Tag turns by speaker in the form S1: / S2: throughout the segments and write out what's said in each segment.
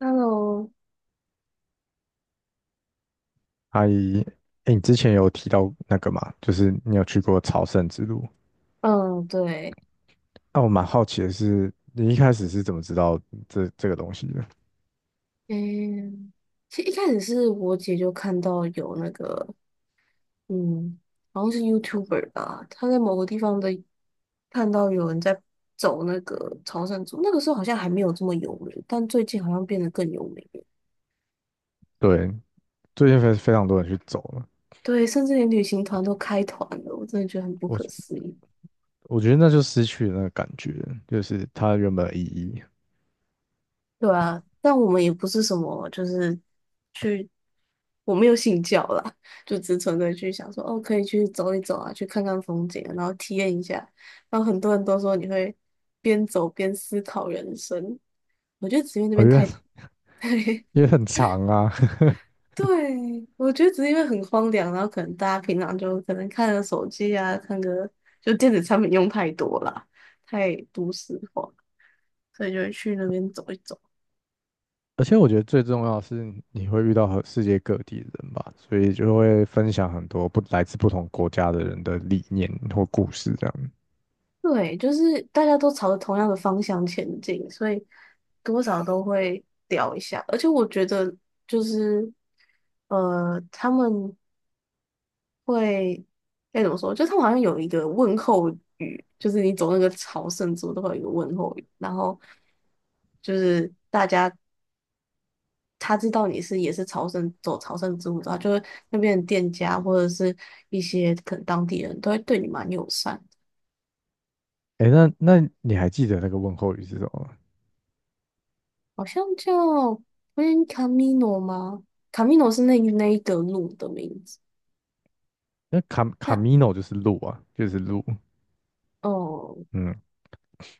S1: Hello，
S2: 阿姨，哎，你之前有提到那个嘛，就是你有去过朝圣之路。
S1: 嗯，对，
S2: 那我蛮好奇的是，你一开始是怎么知道这个东西的？
S1: 嗯，其实一开始是我姐就看到有那个，嗯，好像是 YouTuber 吧，她在某个地方的看到有人在走那个朝圣之路，那个时候好像还没有这么有名，但最近好像变得更有名了。
S2: 对，最近非常多人去走了，
S1: 对，甚至连旅行团都开团了，我真的觉得很不可
S2: 我
S1: 思议。
S2: 我觉得那就失去了那个感觉，就是它原本的意义。
S1: 对啊，但我们也不是什么，就是去，我没有信教啦，就只纯粹去想说，哦，可以去走一走啊，去看看风景啊然后体验一下。然后很多人都说你会边走边思考人生，我觉得只因为那
S2: 哦，
S1: 边
S2: 因为
S1: 太，
S2: 因为很长啊，
S1: 对，我觉得只是因为很荒凉，然后可能大家平常就可能看个手机啊，看个就电子产品用太多啦，太都市化，所以就会去那边走一走。
S2: 而且我觉得最重要的是你会遇到和世界各地的人吧，所以就会分享很多不来自不同国家的人的理念或故事这样。
S1: 对，就是大家都朝着同样的方向前进，所以多少都会掉一下。而且我觉得，就是他们会该怎么说？就他们好像有一个问候语，就是你走那个朝圣之路都会有一个问候语，然后就是大家他知道你是也是朝圣走朝圣之路的话，就是那边的店家或者是一些可能当地人都会对你蛮友善。
S2: 哎，那你还记得那个问候语是什么吗？
S1: 好像叫 Gran Camino 吗？Camino 是那一个路的名字。
S2: 那卡卡
S1: 它
S2: 米诺就是路啊，就是路。
S1: 哦，
S2: 嗯，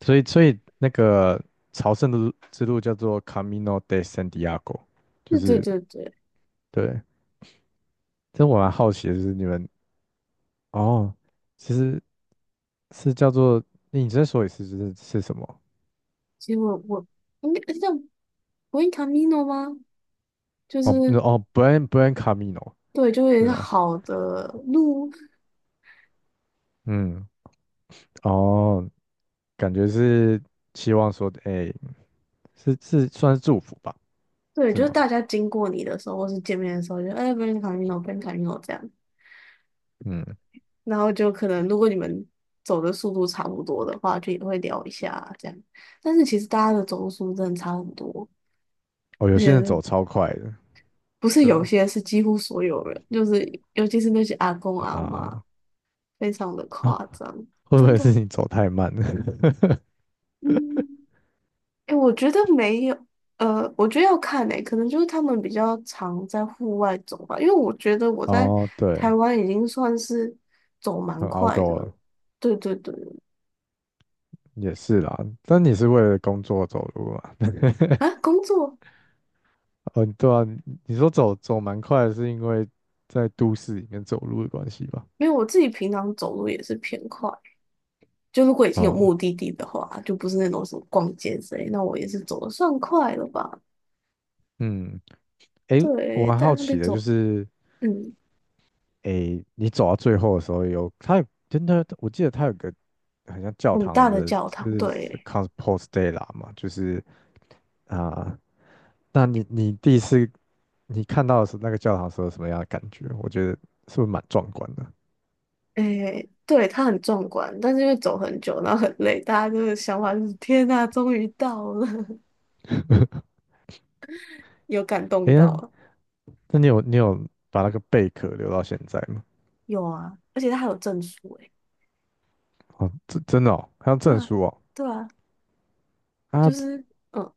S2: 所以那个朝圣的路之路叫做 Camino de Santiago，就
S1: 对对
S2: 是
S1: 对对，
S2: 对。这我蛮好奇的，就是你们哦，其实是叫做你再说一次，就是是什么？
S1: 其实我应该叫 g r 卡 n Camino 吗？就
S2: 哦，那
S1: 是
S2: 哦，Buen Camino。
S1: 对，就
S2: 是
S1: 是
S2: 吗？
S1: 好的路，
S2: 嗯，哦，感觉是希望说，哎、是是算是祝福吧，
S1: 对，
S2: 是
S1: 就是
S2: 吗？
S1: 大家经过你的时候，或是见面的时候，就哎 g r 卡 n c a m i n o n Camino 这样，
S2: 嗯，
S1: 然后就可能如果你们走的速度差不多的话，就也会聊一下这样。但是其实大家的走路速度真的差很多。
S2: 哦，有
S1: 而
S2: 些人
S1: 且
S2: 走超快的，
S1: 不是
S2: 对
S1: 有
S2: 啊
S1: 些是几乎所有人，就是尤其是那些阿公阿嬷，
S2: 啊，
S1: 非常的
S2: 啊
S1: 夸张，
S2: 会不
S1: 真
S2: 会是
S1: 的。
S2: 你走太慢了？
S1: 嗯，哎，我觉得没有，我觉得要看诶，可能就是他们比较常在户外走吧，因为我觉得 我在
S2: 哦，对，
S1: 台湾已经算是走蛮
S2: 很
S1: 快的
S2: outdoor
S1: 了。对对对，
S2: 也是啦，但你是为了工作走路嘛？
S1: 啊，工作
S2: 哦，对啊，你你说走蛮快的，是因为在都市里面走路的关系吧？
S1: 因为我自己平常走路也是偏快，就如果已经有
S2: 哦，
S1: 目的地的话，就不是那种什么逛街之类，那我也是走的算快了吧。
S2: 嗯，诶，我
S1: 对，
S2: 蛮
S1: 在
S2: 好
S1: 那
S2: 奇
S1: 边
S2: 的，就
S1: 走
S2: 是
S1: 嗯，
S2: 诶，你走到最后的时候有，他有真的，我记得他有个很像教
S1: 很
S2: 堂
S1: 大的
S2: 的，
S1: 教
S2: 就
S1: 堂，
S2: 是
S1: 对，
S2: Compos Dei 啦嘛，就是啊、那你第1次你看到的是那个教堂的时候什么样的感觉？我觉得是不是蛮壮观的？
S1: 诶，对，它很壮观，但是因为走很久，然后很累，大家就是想法就是天呐，终于到了，有感动
S2: 诶，那
S1: 到了，
S2: 那你有把那个贝壳留到现在吗？
S1: 有啊，而且它还有证书，诶，
S2: 哦，真的哦，还有
S1: 对
S2: 证
S1: 啊，
S2: 书哦，
S1: 对啊，
S2: 啊，
S1: 就是嗯，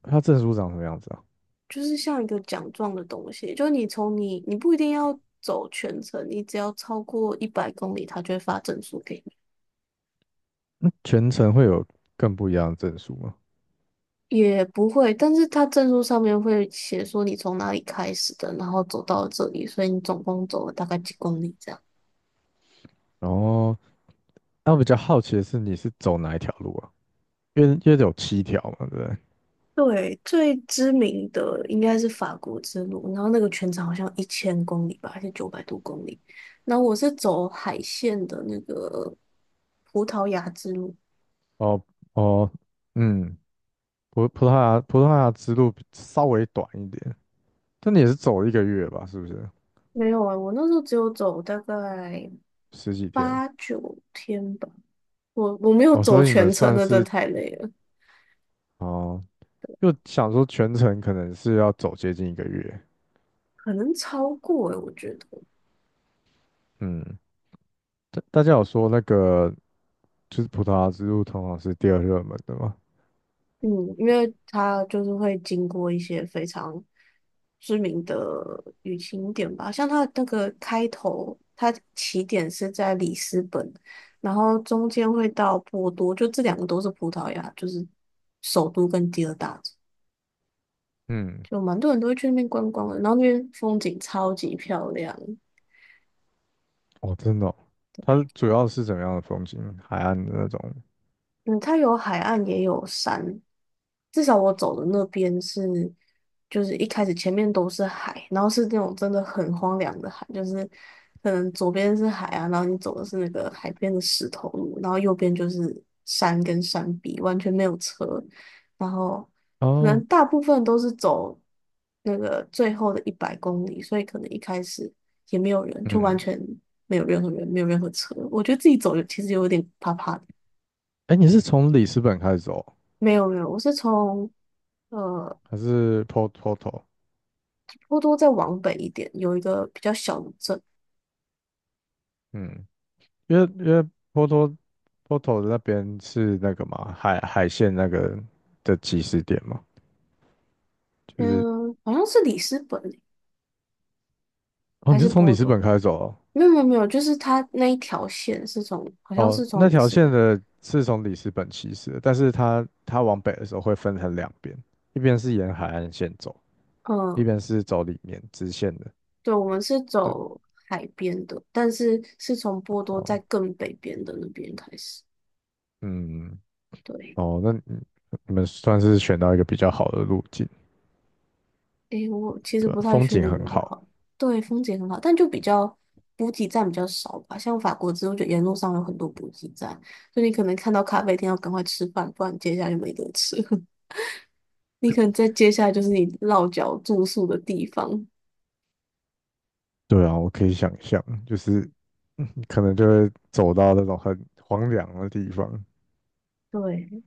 S2: 它证书长什么样子啊？
S1: 就是像一个奖状的东西，就是你从你你不一定要走全程，你只要超过一百公里，它就会发证书给你。
S2: 那全程会有更不一样的证书吗？
S1: 也不会，但是他证书上面会写说你从哪里开始的，然后走到这里，所以你总共走了大概几公里这样。
S2: 然后，那我比较好奇的是，你是走哪一条路啊？因为有7条嘛，对不对？
S1: 对，最知名的应该是法国之路，然后那个全长好像1000公里吧，还是900多公里。然后我是走海线的那个葡萄牙之路，
S2: 哦哦，嗯，葡萄牙之路比稍微短一点，但你也是走一个月吧？是不是？
S1: 没有啊，我那时候只有走大概
S2: 10几天？
S1: 八九天吧，我没有
S2: 哦，
S1: 走
S2: 所以你们
S1: 全程，
S2: 算
S1: 那真的
S2: 是
S1: 太累了，
S2: 哦，就想说全程可能是要走接近一个月。
S1: 可能超过诶、我觉得。
S2: 嗯，大家有说那个就是葡萄牙之路通常是第2热门的吗？
S1: 嗯，因为它就是会经过一些非常知名的旅行点吧，像它那个开头，它起点是在里斯本，然后中间会到波多，就这两个都是葡萄牙，就是首都跟第二大城，
S2: 嗯，
S1: 就蛮多人都会去那边观光的，然后那边风景超级漂亮。
S2: 哦，真的哦，它主要是怎么样的风景？海岸的那种。
S1: 嗯，它有海岸也有山，至少我走的那边是，就是一开始前面都是海，然后是那种真的很荒凉的海，就是可能左边是海啊，然后你走的是那个海边的石头路，然后右边就是山跟山壁，完全没有车，然后可能
S2: 哦，
S1: 大部分都是走那个最后的一百公里，所以可能一开始也没有人，就完
S2: 嗯，
S1: 全没有任何人，没有任何车，我觉得自己走有其实有点怕怕的。
S2: 哎，你是从里斯本开始走哦，
S1: 没有没有，我是从呃
S2: 还是 Porto？
S1: 波多再往北一点，有一个比较小的镇，
S2: 嗯，因为波多的那边是那个嘛，海线那个的起始点嘛，就是
S1: 嗯，好像是里斯本欸
S2: 哦，
S1: 还
S2: 你
S1: 是
S2: 是从里
S1: 波
S2: 斯本
S1: 多？
S2: 开始走哦，
S1: 没有没有没有，就是它那一条线是从，好像
S2: 哦，
S1: 是从
S2: 那
S1: 里
S2: 条
S1: 斯
S2: 线
S1: 本，
S2: 的是从里斯本起始的，但是它往北的时候会分成两边，一边是沿海岸线走，一
S1: 嗯，
S2: 边是走里面直线的，
S1: 对，我们是
S2: 对，
S1: 走海边的，但是是从波多
S2: 哦，
S1: 在更北边的那边开始，
S2: 嗯，
S1: 对。
S2: 哦，那你们算是选到一个比较好的路径，
S1: 诶，我其实
S2: 对啊
S1: 不太
S2: 风
S1: 确
S2: 景
S1: 定
S2: 很
S1: 比较
S2: 好。
S1: 好。对，风景很好，但就比较补给站比较少吧。像法国之后，就沿路上有很多补给站，就你可能看到咖啡店要赶快吃饭，不然接下来就没得吃。你可能在接下来就是你落脚住宿的地方。
S2: 对啊，我可以想象，就是嗯可能就会走到那种很荒凉的地方。
S1: 对，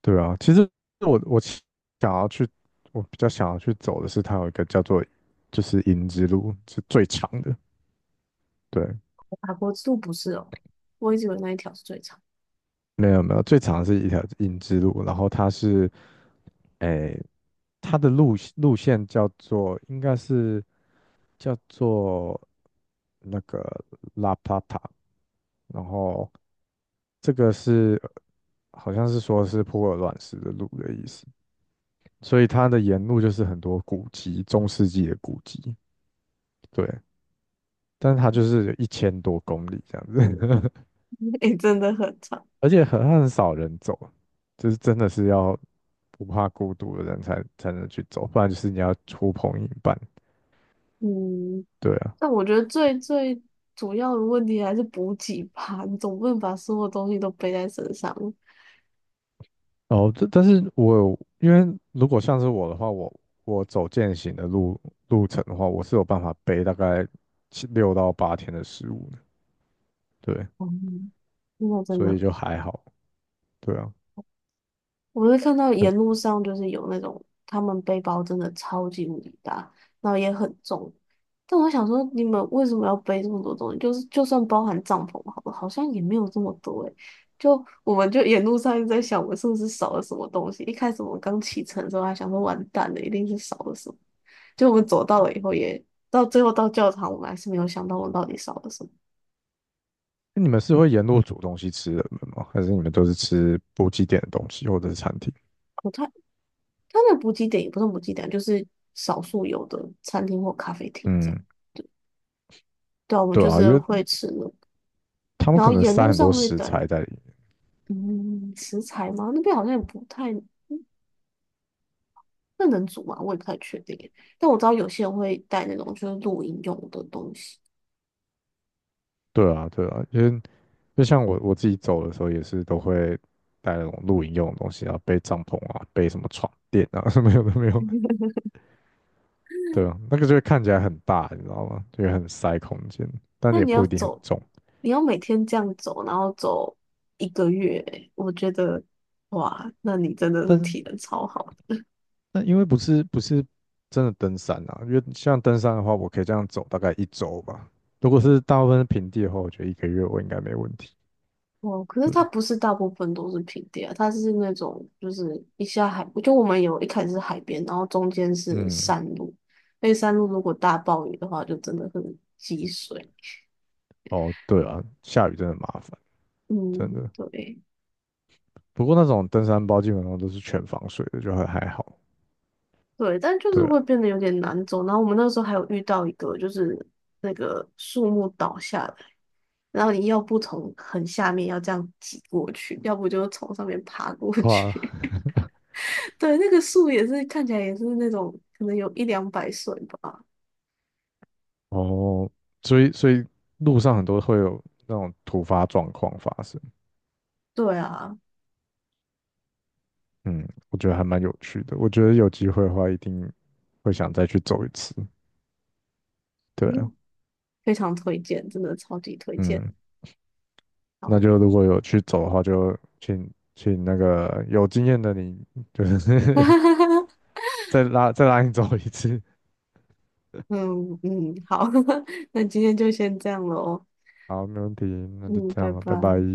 S2: 对啊，其实我想要去，我比较想要去走的是它有一个叫做就是银之路，是最长的。对，
S1: 法国之路不是哦，我一直以为那一条是最长，
S2: 没有没有，最长的是一条银之路，然后它是诶，它的路线叫做应该是叫做那个拉帕塔，然后这个是好像是说是普洱卵石的路的意思，所以它的沿路就是很多古迹，中世纪的古迹，对，但是它就是1000多公里这样子，
S1: 诶，真的很长。
S2: 而且很少人走，就是真的是要不怕孤独的人才能去走，不然就是你要呼朋引伴，
S1: 嗯，
S2: 对啊。
S1: 但我觉得最最主要的问题还是补给吧，你总不能把所有东西都背在身上。
S2: 哦，这但是我有因为如果像是我的话，我走践行的路程的话，我是有办法背大概7、6到8天的食物的，对。
S1: 嗯，那真
S2: 所以
S1: 的。
S2: 就还好，对啊。
S1: 我会看到
S2: 但
S1: 沿路上就是有那种他们背包真的超级无敌大，然后也很重。但我想说，你们为什么要背这么多东西？就是就算包含帐篷好了，好像也没有这么多诶、就我们就沿路上一直在想，我们是不是少了什么东西？一开始我们刚启程的时候还想说完蛋了，一定是少了什么。就我们走到了以后也，到最后到教堂，我们还是没有想到我们到底少了什么。
S2: 那你们是会沿路煮东西吃的人吗？还是你们都是吃补给点的东西或者是餐厅？
S1: 它它的补给点也不是补给点，就是少数有的餐厅或咖啡厅这样。
S2: 嗯，
S1: 对啊，我们
S2: 对
S1: 就
S2: 啊，因
S1: 是
S2: 为
S1: 会吃那
S2: 他们
S1: 然
S2: 可
S1: 后
S2: 能
S1: 沿
S2: 塞
S1: 路
S2: 很多
S1: 上会
S2: 食
S1: 带，
S2: 材在里面。
S1: 嗯，食材吗？那边好像也不太，那能煮吗？我也不太确定耶但我知道有些人会带那种就是露营用的东西。
S2: 对啊，对啊，因为就像我自己走的时候也是都会带那种露营用的东西啊，背帐篷啊，背什么床垫啊，什么有的没有。对啊，那个就会看起来很大，你知道吗？就会很塞空间，但
S1: 那
S2: 也
S1: 你要
S2: 不一定很
S1: 走，
S2: 重。
S1: 你要每天这样走，然后走一个月耶，我觉得，哇，那你真的是
S2: 但是
S1: 体能超好。
S2: 那因为不是真的登山啊，因为像登山的话，我可以这样走大概1周吧。如果是大部分是平地的话，我觉得一个月我应该没问题。
S1: 哦，可是
S2: 对，
S1: 它不是大部分都是平地啊，它是那种就是一下海，就我们有一开始是海边，然后中间是
S2: 嗯，
S1: 山路，那山路如果大暴雨的话，就真的很积水。
S2: 哦，对啊，下雨真的麻烦，真
S1: 嗯，
S2: 的。
S1: 对
S2: 不过那种登山包基本上都是全防水的，就还好。
S1: 对，但就是
S2: 对
S1: 会
S2: 啊，
S1: 变得有点难走。然后我们那时候还有遇到一个，就是那个树木倒下来，然后你要不从很下面要这样挤过去，要不就从上面爬过
S2: 跨
S1: 去。对，那个树也是看起来也是那种可能有一两百岁吧。
S2: 哦，所以路上很多会有那种突发状况发生。
S1: 对啊，
S2: 嗯，我觉得还蛮有趣的。我觉得有机会的话，一定会想再去走一次。对啊，
S1: 嗯非常推荐，真的超级推荐。
S2: 嗯。那
S1: 好，
S2: 就如果有去走的话，就请那个有经验的你，就是 再拉你走一次。
S1: 嗯嗯，好，那今天就先这样了哦。
S2: 好，没问题，那就
S1: 嗯，
S2: 这
S1: 拜
S2: 样了，拜拜。
S1: 拜。